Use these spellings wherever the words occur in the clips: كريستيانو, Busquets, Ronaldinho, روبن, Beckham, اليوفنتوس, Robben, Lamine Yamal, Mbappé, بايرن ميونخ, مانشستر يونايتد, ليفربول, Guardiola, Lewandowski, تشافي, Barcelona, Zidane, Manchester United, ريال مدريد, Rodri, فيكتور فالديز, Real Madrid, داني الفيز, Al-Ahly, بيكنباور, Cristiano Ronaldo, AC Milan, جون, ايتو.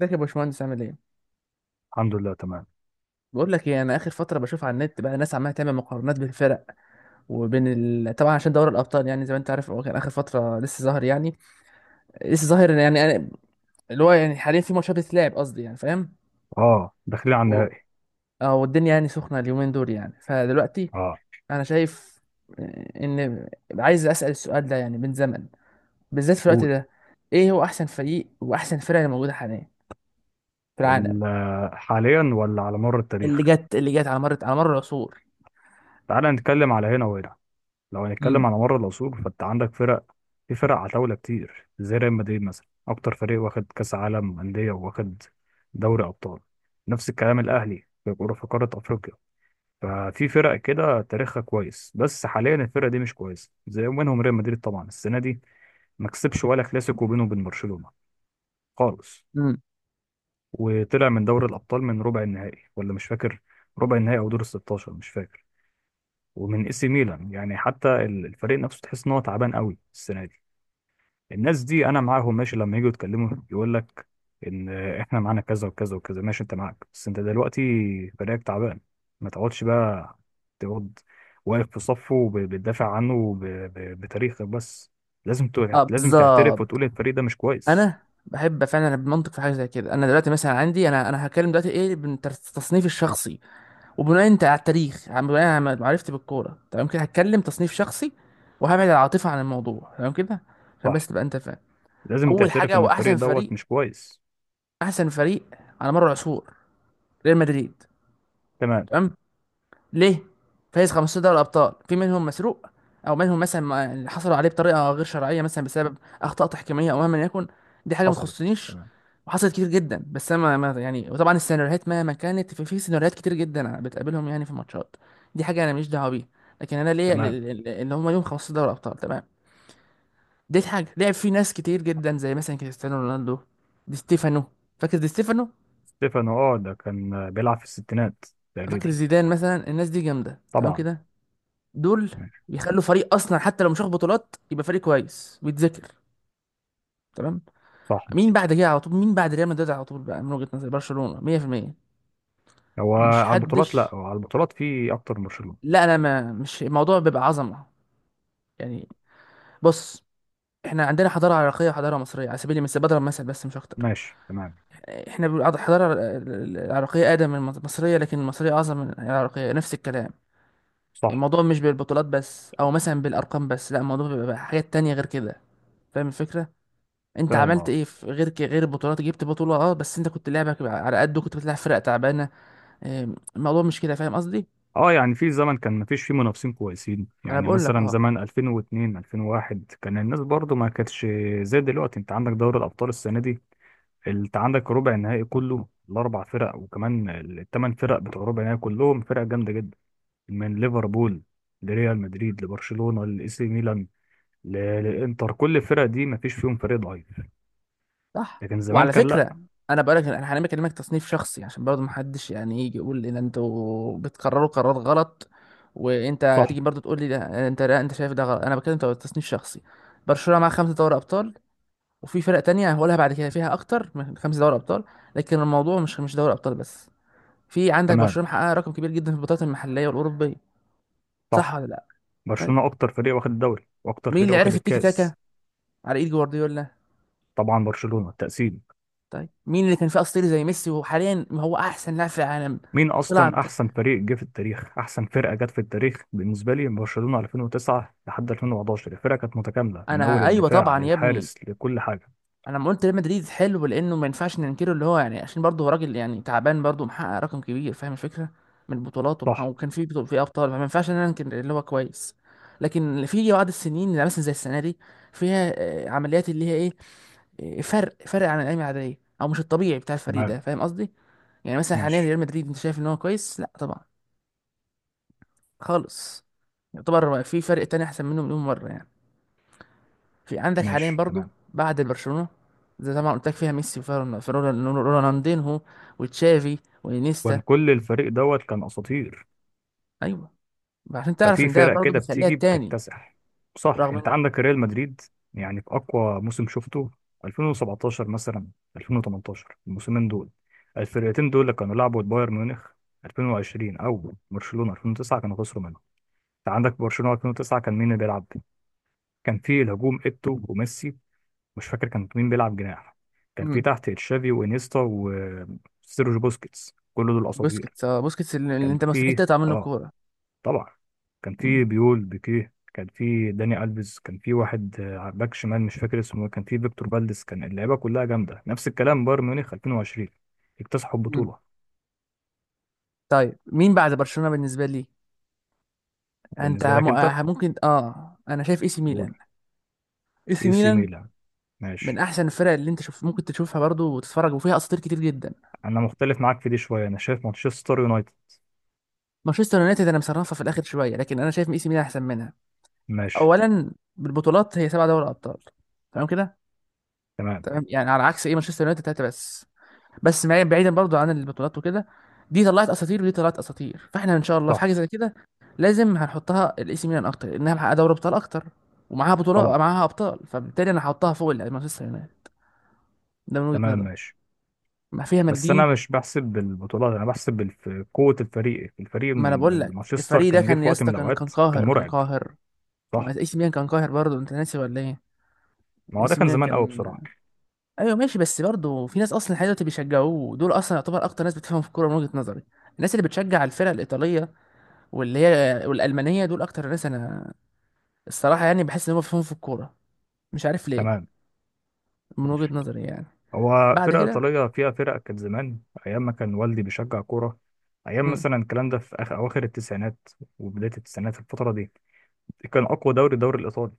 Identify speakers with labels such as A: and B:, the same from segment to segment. A: ازيك يا باشمهندس عامل ايه؟
B: الحمد لله تمام.
A: بقول لك ايه، انا اخر فتره بشوف على النت بقى ناس عماله تعمل مقارنات بين الفرق وبين طبعا عشان دوري الابطال يعني زي ما انت عارف هو كان اخر فتره لسه ظاهر يعني لسه ظاهر يعني أنا- اللي هو يعني حاليا في ماتشات بتتلعب، قصدي يعني، فاهم؟
B: اه، داخلين على
A: و-
B: النهائي.
A: اه، والدنيا يعني سخنه اليومين دول، يعني فدلوقتي
B: اه،
A: انا شايف ان عايز اسال السؤال ده يعني من زمن، بالذات في الوقت
B: قول.
A: ده. ايه هو احسن فريق واحسن فرقه اللي موجوده حاليا في العالم؟
B: حاليا ولا على مر
A: اللي
B: التاريخ؟
A: جت اللي جت على مر العصور.
B: تعال نتكلم على هنا وهنا. لو
A: امم
B: هنتكلم على مر العصور، فانت عندك فرق. في فرق عتاولة كتير زي ريال مدريد مثلا، اكتر فريق واخد كاس عالم انديه، واخد دوري ابطال. نفس الكلام الاهلي في كرة في قاره افريقيا. ففي فرق كده تاريخها كويس، بس حاليا الفرقه دي مش كويسه زي منهم. ريال مدريد طبعا السنه دي ما كسبش ولا كلاسيكو بينه وبين برشلونه خالص،
A: امم
B: وطلع من دوري الأبطال من ربع النهائي ولا مش فاكر، ربع النهائي أو دور ال 16 مش فاكر، ومن اي سي ميلان. يعني حتى الفريق نفسه تحس إن هو تعبان قوي السنة دي. الناس دي أنا معاهم ماشي، لما يجوا يتكلموا يقول لك إن إحنا معانا كذا وكذا وكذا، ماشي، أنت معاك، بس أنت دلوقتي فريقك تعبان. ما تقعدش بقى تقعد واقف في صفه وبتدافع عنه وب- ب- بتاريخك بس. لازم
A: اه،
B: لازم تعترف
A: بالظبط.
B: وتقول الفريق ده مش كويس.
A: انا بحب فعلا بمنطق في حاجه زي كده. انا دلوقتي مثلا عندي، انا هتكلم دلوقتي ايه بالتصنيف الشخصي وبناء انت على التاريخ، بناء على معرفتي بالكوره. تمام كده؟ هتكلم تصنيف شخصي وهبعد العاطفه عن الموضوع، تمام كده، عشان بس
B: صح،
A: تبقى انت فاهم.
B: لازم
A: اول
B: تعترف
A: حاجه
B: إن
A: واحسن
B: الفريق
A: فريق،
B: دوت مش كويس.
A: احسن فريق على مر العصور ريال مدريد.
B: تمام.
A: تمام. ليه؟ فايز 15 دوري ابطال، في منهم مسروق او منهم مثلا اللي حصلوا عليه بطريقه غير شرعيه مثلا، بسبب اخطاء تحكيميه او مهما يكن. دي حاجه ما
B: حصلت.
A: تخصنيش وحصلت كتير جدا. بس انا ما يعني، وطبعا السيناريوهات مهما كانت، في سيناريوهات كتير جدا بتقابلهم يعني في الماتشات، دي حاجه انا ماليش دعوه بيها. لكن انا ليا
B: تمام.
A: اللي هم ليهم 15 دوري ابطال، تمام. دي حاجه لعب في ناس كتير جدا زي مثلا كريستيانو رونالدو، دي ستيفانو، فاكر دي ستيفانو؟
B: ستيفانو، اه، ده كان بيلعب في الستينات
A: فاكر
B: تقريبا.
A: زيدان مثلا؟ الناس دي جامده، تمام
B: طبعا.
A: كده. دول
B: ماشي.
A: يخلوا فريق اصلا حتى لو مش واخد بطولات يبقى فريق كويس ويتذكر، تمام.
B: صح.
A: مين بعد كده على طول؟ مين بعد ريال مدريد على طول؟ بقى من وجهة نظري برشلونة 100%.
B: هو
A: مش
B: على البطولات؟
A: حدش.
B: لا، هو على البطولات في اكتر من برشلونة.
A: لا، انا ما، مش الموضوع بيبقى عظمة يعني. بص، احنا عندنا حضارة عراقية وحضارة مصرية على سبيل المثال، بضرب مثل بس مش اكتر.
B: ماشي تمام.
A: الحضارة العراقية اقدم من المصرية لكن المصرية اعظم من العراقية، نفس الكلام.
B: صح.
A: الموضوع مش بالبطولات بس او مثلا بالارقام بس، لا، الموضوع بيبقى حاجات تانية غير كده، فاهم الفكرة؟ انت
B: فاهم،
A: عملت
B: اه.
A: ايه في غير غير البطولات؟ جبت بطولة، اه، بس انت كنت لعبك على قده، كنت بتلعب فرق تعبانة. اه، الموضوع مش كده، فاهم قصدي؟
B: اه، يعني في زمن كان مفيش فيه منافسين كويسين،
A: ما انا
B: يعني
A: بقول لك.
B: مثلا
A: اه،
B: زمن 2002 2001 كان الناس برضو ما كانتش زي دلوقتي. انت عندك دوري الابطال السنة دي، انت عندك ربع النهائي كله، الاربع فرق، وكمان الثمان فرق بتوع ربع النهائي كلهم فرق جامدة جدا، من ليفربول لريال مدريد لبرشلونة لإي سي ميلان ل- للانتر. كل الفرق دي ما فيش فيهم فريق ضعيف.
A: صح.
B: لكن زمان
A: وعلى
B: كان لا.
A: فكرة، انا بقول لك، انا هنعمل كلمك تصنيف شخصي عشان برضه محدش يعني يجي يقول ان انتوا بتقرروا قرارات غلط، وانت
B: صح.
A: تيجي برضه تقول لي، ده انت لا، انت شايف ده غلط. انا بتكلم تصنيف شخصي. برشلونة مع خمسة دوري ابطال، وفي فرق تانية هقولها بعد كده فيها اكتر من خمسة دوري ابطال، لكن الموضوع مش دوري ابطال بس. في عندك
B: تمام.
A: برشلونة محققة رقم كبير جدا في البطولات المحلية والأوروبية، صح
B: صح،
A: ولا لا؟ طيب،
B: برشلونة اكتر فريق واخد الدوري واكتر
A: مين
B: فريق
A: اللي
B: واخد
A: عرف التيكي تاكا؟
B: الكاس.
A: على ايد جوارديولا.
B: طبعا برشلونة تقسيم.
A: طيب، مين اللي كان فيه اسطوري زي ميسي وحاليا هو احسن لاعب في العالم؟
B: مين
A: طلع
B: اصلا
A: انت.
B: احسن فريق جه في التاريخ؟ احسن فرقة جت في التاريخ بالنسبة لي برشلونة 2009 لحد 2011. الفرقة كانت متكاملة من اول
A: انا ايوه
B: الدفاع
A: طبعا يا ابني.
B: للحارس لكل حاجة.
A: انا لما قلت ريال مدريد حلو، لانه ما ينفعش ننكره، اللي هو يعني عشان برضه هو راجل يعني تعبان برضه محقق رقم كبير، فاهم الفكره؟ من البطولات
B: صح.
A: وكان في في ابطال، فما ينفعش ان انا انكر اللي هو كويس. لكن في بعض السنين اللي مثلا زي السنه دي، فيها عمليات اللي هي ايه، فرق فرق عن الايام العاديه، او مش الطبيعي بتاع الفريق
B: تمام.
A: ده، فاهم قصدي؟ يعني مثلا حاليا
B: ماشي.
A: ريال مدريد انت شايف ان هو كويس؟ لا طبعا، خالص. يعتبر في فرق تاني احسن منه مليون مره يعني. في عندك حاليا
B: ماشي
A: برضو
B: تمام.
A: بعد برشلونه، زي طبعا قلت لك فيها ميسي، وفيها رونالدينهو، وتشافي، وانيستا.
B: وان كل الفريق دوت كان اساطير.
A: ايوه. عشان تعرف
B: ففي
A: ان ده
B: فرق
A: برضو
B: كده
A: بتخليها
B: بتيجي
A: التاني
B: بتكتسح. صح.
A: رغم ان.
B: انت عندك ريال مدريد، يعني في اقوى موسم شفته 2017 مثلا، 2018، الموسمين دول الفرقتين دول اللي كانوا لعبوا بايرن ميونخ 2020 او برشلونة 2009، كانوا خسروا منهم. انت عندك برشلونة 2009، كان مين اللي بيلعب؟ كان في الهجوم ايتو وميسي، مش فاكر كان مين بيلعب جناح، كان في
A: مم.
B: تحت تشافي وانيستا وسيرجيو بوسكيتس، كل دول اساطير.
A: بوسكيتس، اه، بوسكيتس اللي
B: كان
A: انت مستحيل
B: في،
A: تقطع منه
B: اه،
A: كوره.
B: طبعا كان
A: مم.
B: في بيول، بيكيه، كان في داني الفيز، كان في واحد باك شمال مش فاكر اسمه، كان في فيكتور فالديز. كان اللعيبه كلها جامده. نفس الكلام بايرن ميونخ 2020، اكتسحوا
A: مم.
B: البطوله.
A: طيب، مين بعد برشلونه بالنسبه لي؟
B: بالنسبه لك انت؟
A: ممكن، انا شايف اي سي
B: قول.
A: ميلان. اي سي
B: اي سي
A: ميلان
B: ميلان، ماشي.
A: من احسن الفرق اللي انت شوف ممكن تشوفها برضو وتتفرج، وفيها اساطير كتير جدا.
B: انا مختلف معاك في دي شويه، انا شايف مانشستر يونايتد.
A: مانشستر يونايتد انا مصنفها في الاخر شويه، لكن انا شايف اي سي ميلان احسن منها.
B: ماشي
A: اولا بالبطولات، هي سبع دوري ابطال، تمام كده.
B: تمام.
A: تمام، يعني على عكس ايه، مانشستر يونايتد ثلاثه بس. بس بعيدا برضو عن البطولات وكده، دي طلعت اساطير ودي طلعت اساطير، فاحنا ان شاء الله في
B: صح.
A: حاجه زي كده لازم هنحطها الاي سي ميلان اكتر لانها محققه دوري ابطال اكتر، ومعاها
B: طبعا.
A: بطولات معاها ابطال، فبالتالي انا هحطها فوق مانشستر يونايتد. ده من وجهه
B: تمام.
A: نظري.
B: ماشي.
A: ما فيها
B: بس انا
A: مالديني.
B: مش بحسب بالبطولات، انا بحسب قوه الفريق. الفريق
A: ما
B: من
A: انا بقول
B: من
A: لك
B: مانشستر
A: الفريق ده
B: كان جه
A: كان
B: في
A: يا
B: وقت من
A: اسطى، كان
B: الاوقات كان
A: قاهر كان
B: مرعب.
A: قاهر. ما
B: صح.
A: اي سي ميلان كان قاهر برضه، انت ناسي ولا ايه؟
B: ما
A: اي
B: هو ده
A: سي
B: كان
A: ميلان
B: زمان قوي
A: كان.
B: بصراحه.
A: ايوه، ماشي، بس برضه في ناس اصلا لحد دلوقتي بيشجعوه، دول اصلا يعتبر اكتر ناس بتفهم في الكوره من وجهة نظري. الناس اللي بتشجع الفرق الايطاليه واللي هي والالمانيه، دول اكتر ناس انا الصراحه يعني بحس ان هم بيفهموا في الكوره، مش عارف ليه،
B: تمام.
A: من وجهة نظري يعني.
B: هو
A: بعد
B: فرقة
A: كده.
B: إيطالية فيها فرق كانت زمان، أيام ما كان والدي بيشجع كورة، أيام
A: مم.
B: مثلا الكلام ده في آخر أواخر التسعينات وبداية التسعينات. في الفترة دي كان أقوى دوري الدوري الإيطالي.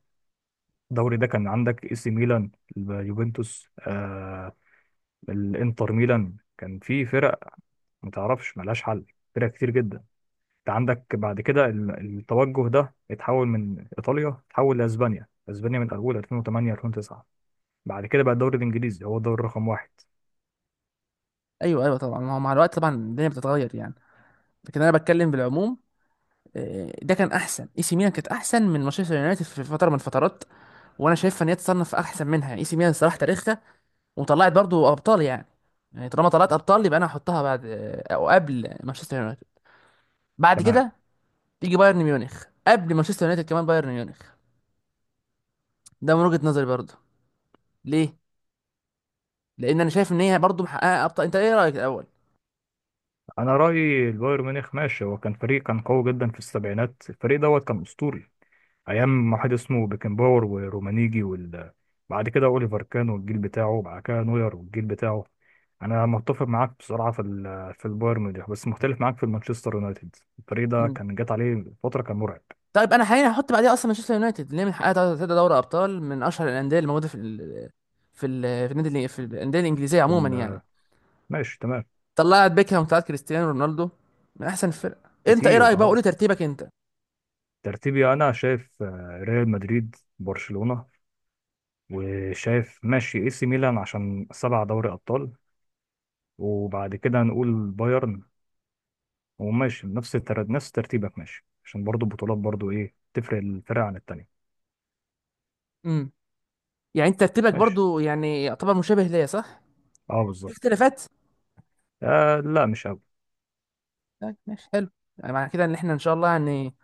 B: الدوري ده كان عندك إي سي ميلان، اليوفنتوس، آه، الإنتر ميلان. كان في فرق متعرفش ملهاش حل، فرق كتير جدا. أنت عندك بعد كده التوجه ده اتحول من إيطاليا، اتحول لأسبانيا. أسبانيا من أول 2008 2009. بعد كده بقى الدوري الإنجليزي هو الدوري رقم واحد.
A: ايوه ايوه، طبعا، ما هو مع الوقت طبعا الدنيا بتتغير يعني، لكن انا بتكلم بالعموم. ده كان احسن، اي سي ميلان كانت احسن من مانشستر يونايتد في فتره من الفترات، وانا شايفها ان هي تصنف احسن منها يعني. اي سي ميلان الصراحه تاريخها، وطلعت برضو ابطال يعني، يعني طالما طلعت ابطال يبقى انا هحطها بعد، او قبل مانشستر يونايتد. بعد
B: تمام.
A: كده تيجي بايرن ميونخ قبل مانشستر يونايتد، كمان بايرن ميونخ، ده من وجهه نظري برضو. ليه؟ لان انا شايف ان هي برضو محققه ابطال. انت ايه رايك الاول؟
B: انا رايي البايرن ميونخ ماشي. هو كان فريق كان قوي جدا في السبعينات، الفريق دوت كان اسطوري. ايام ما واحد اسمه بيكنباور ورومانيجي بعد كده اوليفر كان والجيل بتاعه، بعد كده نوير والجيل بتاعه. انا متفق معاك بصراحه في في البايرن ميونخ، بس مختلف معاك في المانشستر يونايتد. الفريق ده
A: مم.
B: كان جات عليه فتره كان مرعب.
A: طيب، انا حاليا هحط بعديها اصلا مانشستر يونايتد، اللي هي من حققها تلاتة دوري ابطال، من اشهر الانديه اللي موجوده في ال... في ال... في النادي اللي- في الانديه الانجليزيه
B: في
A: عموما يعني.
B: ال... ماشي تمام.
A: طلعت بيكهام، وطلعت كريستيانو رونالدو، من احسن الفرقه. انت ايه
B: كتير،
A: رايك بقى؟ قولي
B: اه.
A: ترتيبك انت.
B: ترتيبي انا شايف ريال مدريد، برشلونه، وشايف ماشي اي سي ميلان عشان سبع دوري ابطال، وبعد كده هنقول بايرن. وماشي نفس ترتيبك، ماشي، عشان برضو البطولات برضو ايه تفرق الفرق عن التانية.
A: امم يعني انت ترتيبك
B: ماشي.
A: برضو يعني يعتبر مشابه ليا، صح؟
B: اه،
A: في
B: بالظبط.
A: اختلافات؟
B: آه، لا مش قوي.
A: طيب، ماشي، حلو. يعني معنى كده ان احنا ان شاء الله يعني،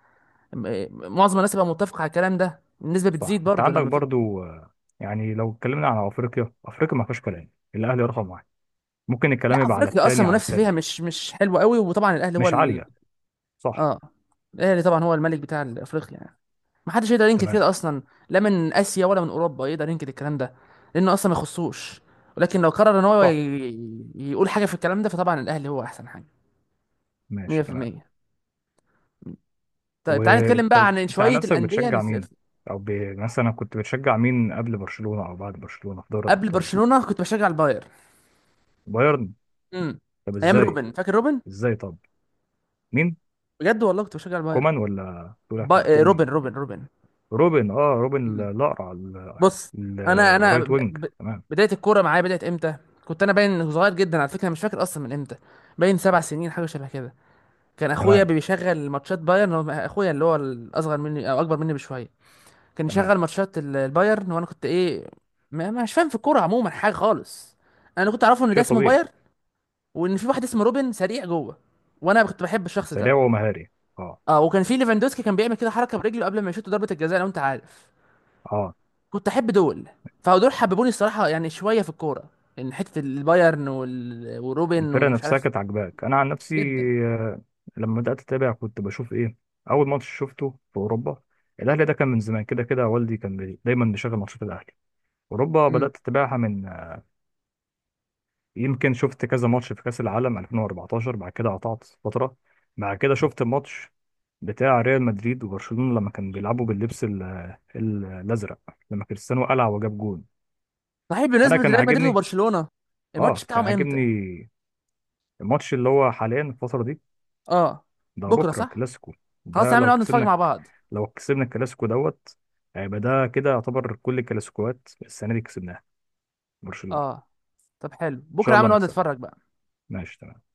A: م- معظم الناس بقى متفق على الكلام ده، النسبه
B: صح،
A: بتزيد
B: انت
A: برضو
B: عندك
A: لما في.
B: برضو، آه، يعني لو اتكلمنا عن افريقيا، افريقيا ما فيهاش كلام، الاهلي رقم واحد. ممكن
A: لا،
B: الكلام يبقى على
A: افريقيا اصلا
B: التاني على
A: منافسه فيها
B: التالت.
A: مش حلوه قوي، وطبعا الاهلي هو
B: مش عالية. صح.
A: اه. الاهلي طبعا هو الملك بتاع افريقيا يعني، ما حدش يقدر ينكر
B: تمام.
A: كده اصلا، لا من اسيا ولا من اوروبا يقدر ينكر الكلام ده، لانه اصلا ما يخصوش. ولكن لو قرر ان هو
B: صح.
A: يقول حاجه في الكلام ده، فطبعا الاهلي هو احسن حاجه
B: ماشي تمام.
A: 100%. طيب، تعالى نتكلم
B: وانت
A: بقى عن
B: انت عن
A: شويه
B: نفسك
A: الانديه اللي
B: بتشجع مين؟ او مثلا كنت بتشجع مين قبل برشلونة او بعد برشلونة في دوري
A: قبل
B: الابطال؟
A: برشلونه كنت بشجع الباير.
B: بايرن.
A: امم.
B: طب
A: ايام
B: ازاي؟
A: روبن، فاكر روبن؟
B: ازاي طب؟ مين؟
A: بجد والله كنت بشجع الباير.
B: كومان ولا بتقول، بتقول مين؟
A: روبن، روبن، روبن.
B: روبن، اه. روبن
A: مم.
B: الاقرع،
A: بص، انا
B: الرايت وينج، تمام.
A: بدايه الكوره معايا بدات امتى؟ كنت انا باين صغير جدا على فكره، مش فاكر اصلا من امتى، باين سبع سنين حاجه شبه كده. كان اخويا
B: تمام.
A: بيشغل ماتشات بايرن، هو اخويا اللي هو الاصغر مني او اكبر مني بشويه، كان
B: تمام.
A: يشغل ماتشات البايرن، وانا كنت ايه، مش فاهم في الكوره عموما حاجه خالص. انا كنت اعرفه ان ده
B: شيء
A: اسمه
B: طبيعي.
A: باير، وان في واحد اسمه روبن سريع جوه، وانا كنت بحب الشخص
B: سريع
A: ده.
B: ومهاري، اه.
A: اه، وكان في ليفاندوسكي كان بيعمل كده حركه برجله قبل ما يشوط ضربه الجزاء لو انت عارف.
B: اه،
A: كنت احب دول، فدول حببوني الصراحه يعني شويه في الكوره، ان حته البايرن وروبن
B: الفرقه
A: ومش
B: نفسها
A: عارف.
B: كانت عاجباك. انا عن نفسي،
A: جدا.
B: آه، لما بدات اتابع كنت بشوف ايه، اول ماتش شفته في اوروبا الاهلي، ده كان من زمان كده كده والدي كان دايما بيشغل ماتشات الاهلي. اوروبا
A: امم.
B: بدات اتابعها من، يمكن شفت كذا ماتش في كأس العالم 2014، بعد كده قطعت فترة. بعد كده شفت الماتش بتاع ريال مدريد وبرشلونة لما كانوا بيلعبوا باللبس الأزرق، لما كريستيانو قلع وجاب جون.
A: صحيح،
B: أنا
A: بالنسبه
B: كان
A: لريال مدريد
B: عاجبني.
A: وبرشلونه،
B: آه،
A: الماتش
B: كان
A: بتاعهم
B: عاجبني.
A: امتى؟
B: الماتش اللي هو حاليا الفترة دي،
A: اه.
B: ده
A: بكره،
B: بكرة
A: صح.
B: كلاسيكو.
A: خلاص
B: ده
A: يا عم
B: لو
A: نقعد نتفرج
B: كسبنا،
A: مع بعض.
B: لو كسبنا الكلاسيكو دوت، هيبقى ده كده يعتبر كل الكلاسيكوات السنة دي كسبناها برشلونة.
A: اه، طب حلو،
B: إن
A: بكره
B: شاء
A: يا عم
B: الله
A: نقعد
B: نكسبها.
A: نتفرج بقى.
B: ماشي تمام.